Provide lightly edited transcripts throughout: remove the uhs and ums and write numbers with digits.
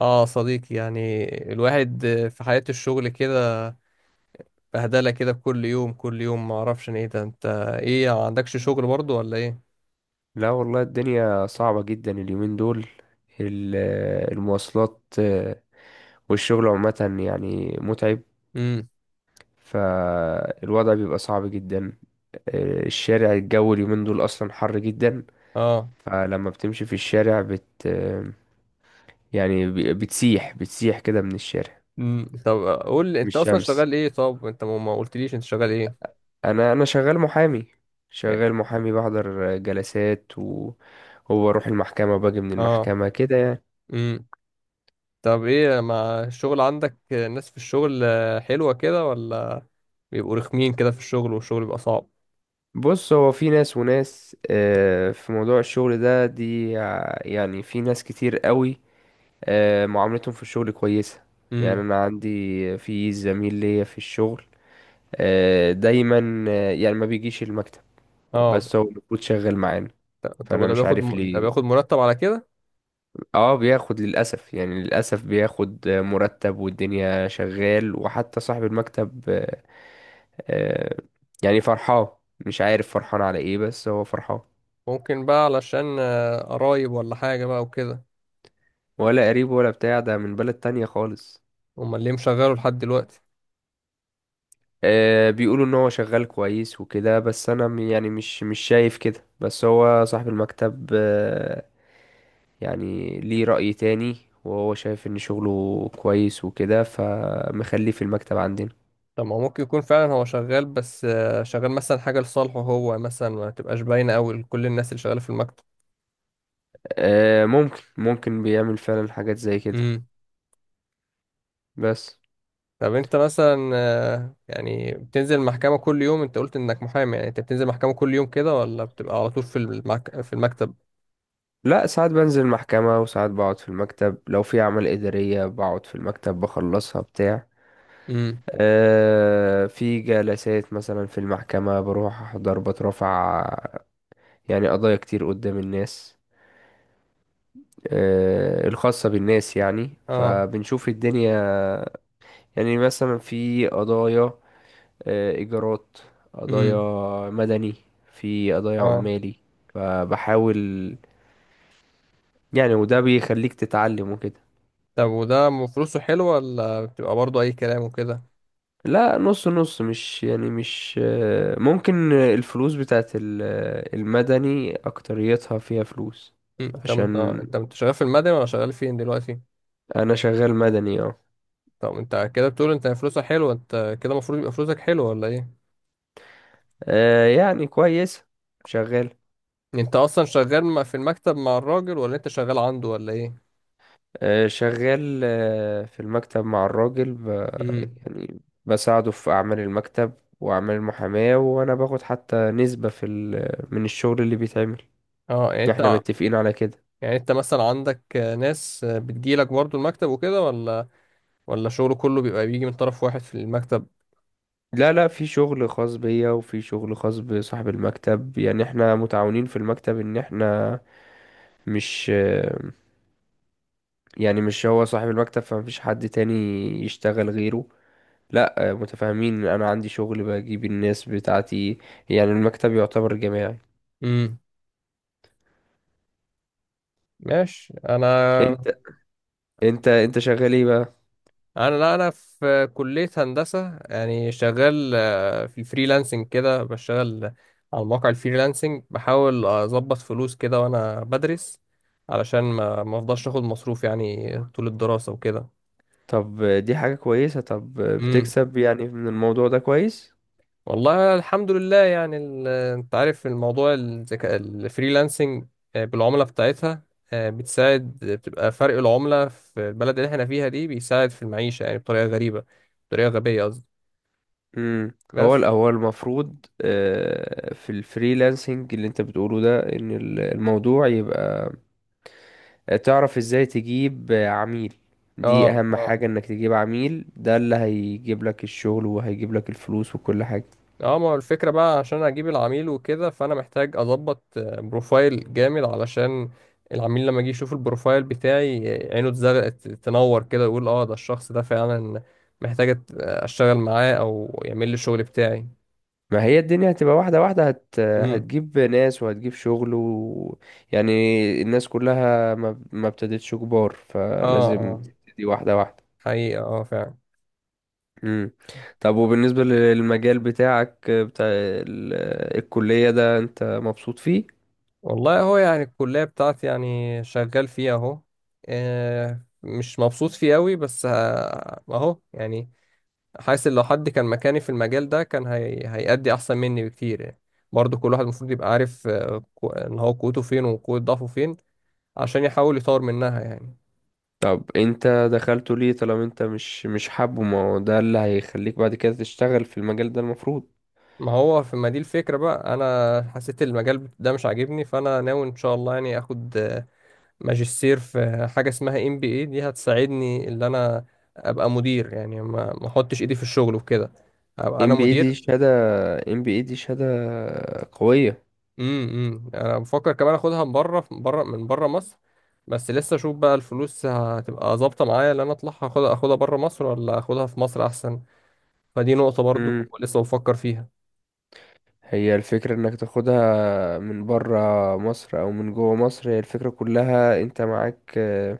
اه صديقي يعني الواحد في حياة الشغل كده، بهدلة كده كل يوم كل يوم. ما اعرفش ايه ده انت، ايه ما عندكش شغل برضو ولا ايه؟ لا والله الدنيا صعبة جدا اليومين دول. ال- المواصلات، والشغل عامة يعني متعب. امم فالوضع بيبقى صعب جدا. الشارع، الجو اليومين دول أصلا حر جدا. اه فلما بتمشي في الشارع بت آه، يعني بتسيح بتسيح كده من الشارع طب قول لي من انت اصلا الشمس. شغال ايه؟ طب انت ما قلتليش انت شغال ايه؟ أنا شغال محامي. شغال محامي، بحضر جلسات وبروح المحكمة وباجي من اه المحكمة كده. امم طب ايه، ما الشغل عندك الناس في الشغل حلوة كده، ولا بيبقوا رخمين كده في الشغل والشغل بيبقى صعب؟ بص، هو في ناس وناس، في موضوع الشغل ده يعني في ناس كتير قوي معاملتهم في الشغل كويسة. يعني امم انا عندي، في زميل ليا في الشغل دايما يعني ما بيجيش المكتب، اه بس هو المفروض شغال معانا، طب فانا وده مش بياخد عارف ده ليه. بياخد مرتب على كده؟ اه بياخد، للاسف يعني للاسف بياخد مرتب، والدنيا شغال، وحتى صاحب المكتب آه، يعني فرحان. مش عارف فرحان على ايه، بس هو فرحان. ممكن بقى علشان قرايب ولا حاجة بقى وكده. ولا قريب ولا بتاع، ده من بلد تانية خالص. امال ليه مشغله لحد دلوقتي؟ آه، بيقولوا ان هو شغال كويس وكده، بس انا يعني مش شايف كده. بس هو صاحب المكتب آه، يعني ليه رأي تاني، وهو شايف ان شغله كويس وكده، فمخليه في المكتب عندنا. طب ما هو ممكن يكون فعلا هو شغال، بس شغال مثلا حاجة لصالحه هو، مثلا ما تبقاش باينة قوي لكل الناس اللي شغالة في المكتب. آه، ممكن بيعمل فعلا حاجات زي كده، امم. بس... طب انت مثلا يعني بتنزل محكمة كل يوم؟ انت قلت انك محامي، يعني انت بتنزل محكمة كل يوم كده، ولا بتبقى على طول في في المكتب؟ لا، ساعات بنزل المحكمة وساعات بقعد في المكتب. لو في أعمال إدارية بقعد في المكتب بخلصها بتاع. امم في جلسات مثلا في المحكمة بروح أحضر، بترفع يعني قضايا كتير قدام الناس الخاصة بالناس. يعني اه فبنشوف الدنيا. يعني مثلا في قضايا إيجارات، امم قضايا مدني، في قضايا اه عمالي. فبحاول يعني، وده بيخليك تتعلم وكده. طب وده فلوسه حلوة، ولا بتبقى برضه اي كلام وكده؟ لا، نص نص. مش يعني مش ممكن. الفلوس بتاعت المدني أكتريتها فيها فلوس. مم. طب انت عشان انت شغال في المدني، ولا شغال فين دلوقتي؟ أنا شغال مدني، اه. طب انت كده بتقول انت فلوسك حلوة، انت كده المفروض يبقى فلوسك حلوة ولا ايه؟ يعني كويس. شغال انت اصلا شغال في المكتب مع الراجل، ولا انت شغال عنده، ولا ايه؟ في المكتب مع الراجل امم. يعني بساعده في أعمال المكتب وأعمال المحاماة. وأنا باخد حتى نسبة من الشغل اللي بيتعمل، اه يعني احنا انت، متفقين على كده. يعني انت مثلا عندك ناس بتجيلك برضو المكتب وكده، ولا شغله كله بيبقى بيجي من طرف واحد في المكتب؟ لا لا، في شغل خاص بيا وفي شغل خاص بصاحب المكتب. يعني احنا متعاونين في المكتب، ان احنا مش يعني مش هو صاحب المكتب فمفيش حد تاني يشتغل غيره. لا، متفاهمين، انا عندي شغل بجيب الناس بتاعتي. يعني المكتب يعتبر جماعي. امم. ماشي. انا، انت انت شغال ايه بقى؟ انا لا، انا في كلية هندسة، يعني شغال في الفريلانسنج كده، بشتغل على مواقع الفريلانسنج، بحاول اظبط فلوس كده وانا بدرس، علشان ما افضلش اخد مصروف يعني طول الدراسة وكده. طب دي حاجة كويسة. طب بتكسب يعني من الموضوع ده كويس؟ والله الحمد لله يعني انت عارف الموضوع، الذكاء الفريلانسنج بالعملة بتاعتها بتساعد، بتبقى فرق العملة في البلد اللي احنا فيها دي، بيساعد في المعيشة يعني بطريقة غريبة، بطريقة غبية قصدي. امم هو بس. هو المفروض في الفريلانسنج اللي انت بتقوله ده، ان الموضوع يبقى تعرف ازاي تجيب عميل. دي اه اهم اه حاجة، انك تجيب عميل. ده اللي هيجيب لك الشغل وهيجيب لك الفلوس وكل حاجة. اه ما هو الفكرة بقى عشان اجيب العميل وكده، فانا محتاج اظبط بروفايل جامد، علشان العميل لما يجي يشوف البروفايل بتاعي عينه تنور كده، يقول اه ده الشخص ده فعلا محتاج اشتغل معاه او يعمل لي الشغل بتاعي. ما هي الدنيا هتبقى واحدة واحدة. امم هتجيب ناس وهتجيب شغل يعني الناس كلها ما ابتدتش كبار، اه فلازم اه تبتدي واحدة واحدة. حقيقة، اه فعلا. مم. طب وبالنسبة للمجال بتاعك، بتاع الكلية ده، انت مبسوط فيه؟ والله هو يعني الكلية بتاعتي، يعني شغال فيها اهو مش مبسوط فيه قوي، بس اهو يعني. حاسس إن لو حد كان مكاني في المجال ده كان هيأدي احسن مني بكتير يعني. برضه كل واحد المفروض يبقى عارف ان هو قوته فين وقوة ضعفه فين، عشان يحاول يطور منها يعني. طب انت دخلته ليه طالما انت مش حابه؟ ما هو ده اللي هيخليك بعد كده تشتغل في المجال ده، المفروض. ما هو في، ما دي الفكرة بقى، انا حسيت المجال ده مش عاجبني، فانا ناوي ان شاء الله يعني اخد ماجستير في حاجة اسمها ام بي اي دي، هتساعدني ان انا ابقى مدير، يعني ما احطش ايدي في الشغل وكده، ابقى انا ام بي اي دي مدير. شهادة ام بي اي دي شهادة قوية. إمم. انا بفكر كمان اخدها من بره، من بره مصر. بس لسه اشوف بقى الفلوس هتبقى ظابطة معايا ان انا اطلعها، اخدها بره مصر، ولا اخدها في مصر احسن. فدي نقطة برضو مم. لسه بفكر فيها. هي الفكرة انك تاخدها من برا مصر او من جوه مصر، هي الفكرة كلها انت معاك آه،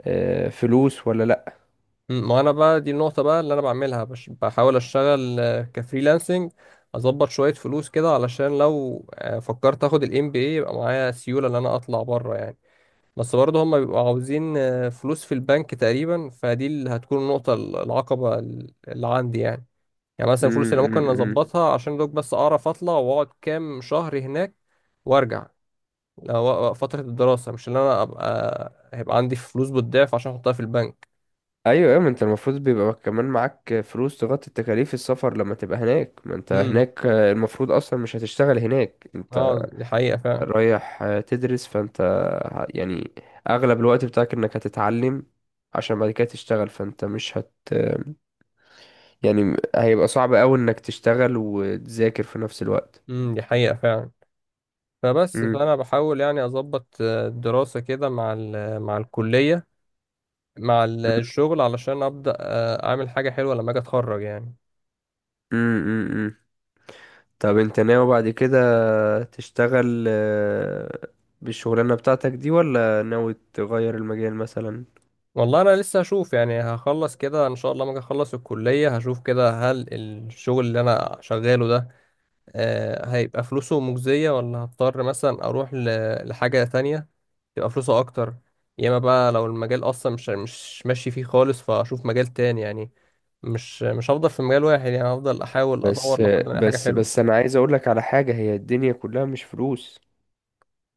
آه، فلوس ولا لا؟ مم. ما انا بقى دي النقطة بقى اللي انا بعملها بحاول اشتغل كفريلانسنج، اظبط شوية فلوس كده علشان لو فكرت اخد الام بي اي يبقى معايا سيولة ان انا اطلع بره يعني. بس برضه هما بيبقوا عاوزين فلوس في البنك تقريبا، فدي اللي هتكون النقطة العقبة اللي عندي يعني. يعني مثلا مم، الفلوس اللي مم، ممكن مم. اظبطها عشان دوك، بس اعرف اطلع واقعد كام شهر هناك وارجع. فترة الدراسة، مش اللي انا ابقى هيبقى عندي فلوس بالضعف عشان احطها في البنك. ايوه ايوه، ما انت المفروض بيبقى كمان معاك فلوس تغطي تكاليف السفر لما تبقى هناك. ما انت امم هناك المفروض اصلا مش هتشتغل هناك. انت اه دي حقيقة فعلا. رايح تدرس، فانت يعني اغلب الوقت بتاعك انك هتتعلم، عشان بعد كده تشتغل. فانت مش هت يعني هيبقى صعب قوي انك تشتغل وتذاكر في نفس الوقت. دي حقيقة فعلا. فبس، مم. فأنا بحاول يعني أظبط الدراسة كده مع مع الكلية، مع الشغل، علشان أبدأ أعمل حاجة حلوة لما أجي أتخرج يعني. مم. مم. مم. طب انت ناوي بعد كده تشتغل بالشغلانة بتاعتك دي، ولا ناوي تغير المجال مثلا؟ والله أنا لسه هشوف يعني، هخلص كده إن شاء الله، لما أجي أخلص الكلية هشوف كده هل الشغل اللي أنا شغاله ده هيبقى فلوسه مجزية، ولا هضطر مثلا أروح لحاجة تانية تبقى فلوسه أكتر. يا إما بقى لو المجال أصلا مش ماشي فيه خالص، فأشوف مجال تاني يعني. مش هفضل في مجال واحد يعني، هفضل احاول ادور بس لحد ما الاقي حاجه بس حلوه. بس، انا عايز اقول لك على حاجة. هي الدنيا كلها مش فلوس.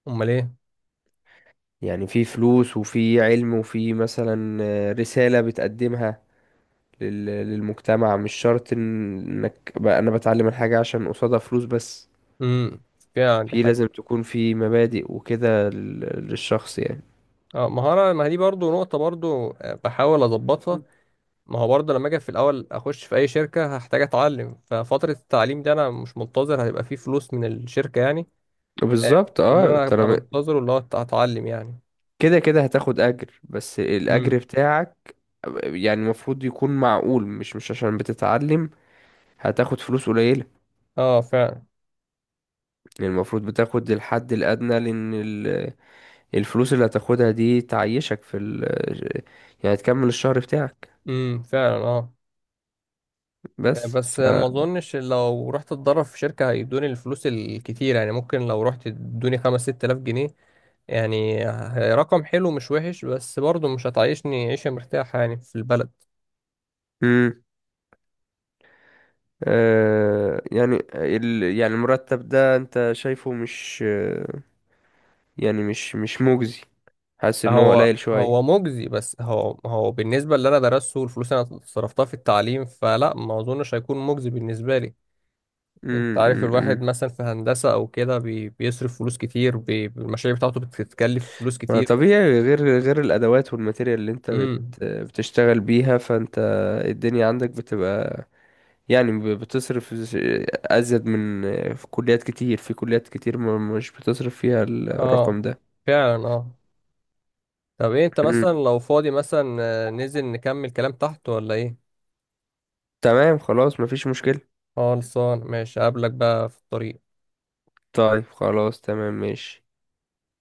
امال ايه؟ يعني في فلوس وفي علم وفي مثلا رسالة بتقدمها للمجتمع. مش شرط، انك بقى انا بتعلم الحاجة عشان قصادها فلوس بس. امم. فيها عندي في حاجه. لازم تكون في مبادئ وكده للشخص يعني. اه مهاره، ما هي دي برضو نقطه برضو بحاول اظبطها. ما هو برضو لما اجي في الاول اخش في اي شركه هحتاج اتعلم، ففتره التعليم دي انا مش منتظر هيبقى فيه فلوس من الشركه يعني. آه، بالظبط اه، كلنا هبقى طالما منتظر اللي هو اتعلم يعني. كده كده هتاخد اجر، بس امم الاجر بتاعك يعني المفروض يكون معقول. مش عشان بتتعلم هتاخد فلوس قليلة. اه فعلا. يعني المفروض بتاخد الحد الأدنى، لأن الفلوس اللي هتاخدها دي تعيشك في ال يعني تكمل الشهر بتاعك. فعلا. بس بس ف ما اظنش لو رحت اتدرب في شركه هيدوني الفلوس الكتير يعني، ممكن لو رحت ادوني 5 6000 جنيه يعني، رقم حلو مش وحش، بس برضه مش هتعيشني عيشة مرتاحة يعني في البلد. مم. يعني يعني المرتب ده أنت شايفه مش يعني مش مجزي؟ حاسس إن هو قليل هو شوية؟ هو مجزي، بس هو بالنسبة اللي أنا درسته والفلوس اللي أنا صرفتها في التعليم، فلا ما أظنش هيكون مجزي بالنسبة لي. أنت مم، عارف مم، مم. الواحد مثلا في هندسة أو كده بيصرف فلوس كتير، بي المشاريع بتاعته بتتكلف فلوس ما كتير. طبيعي، غير الأدوات والماتيريال اللي أنت امم بتشتغل بيها، فأنت الدنيا عندك بتبقى يعني أزيد من. في كليات كتير مش بتصرف فيها اه الرقم ده. فعلا اه. طب إيه، أنت مم. مثلا لو فاضي مثلا ننزل نكمل كلام تحت ولا إيه؟ تمام خلاص، مفيش مشكلة. خلصان ماشي، أقابلك بقى في الطريق. طيب خلاص تمام ماشي.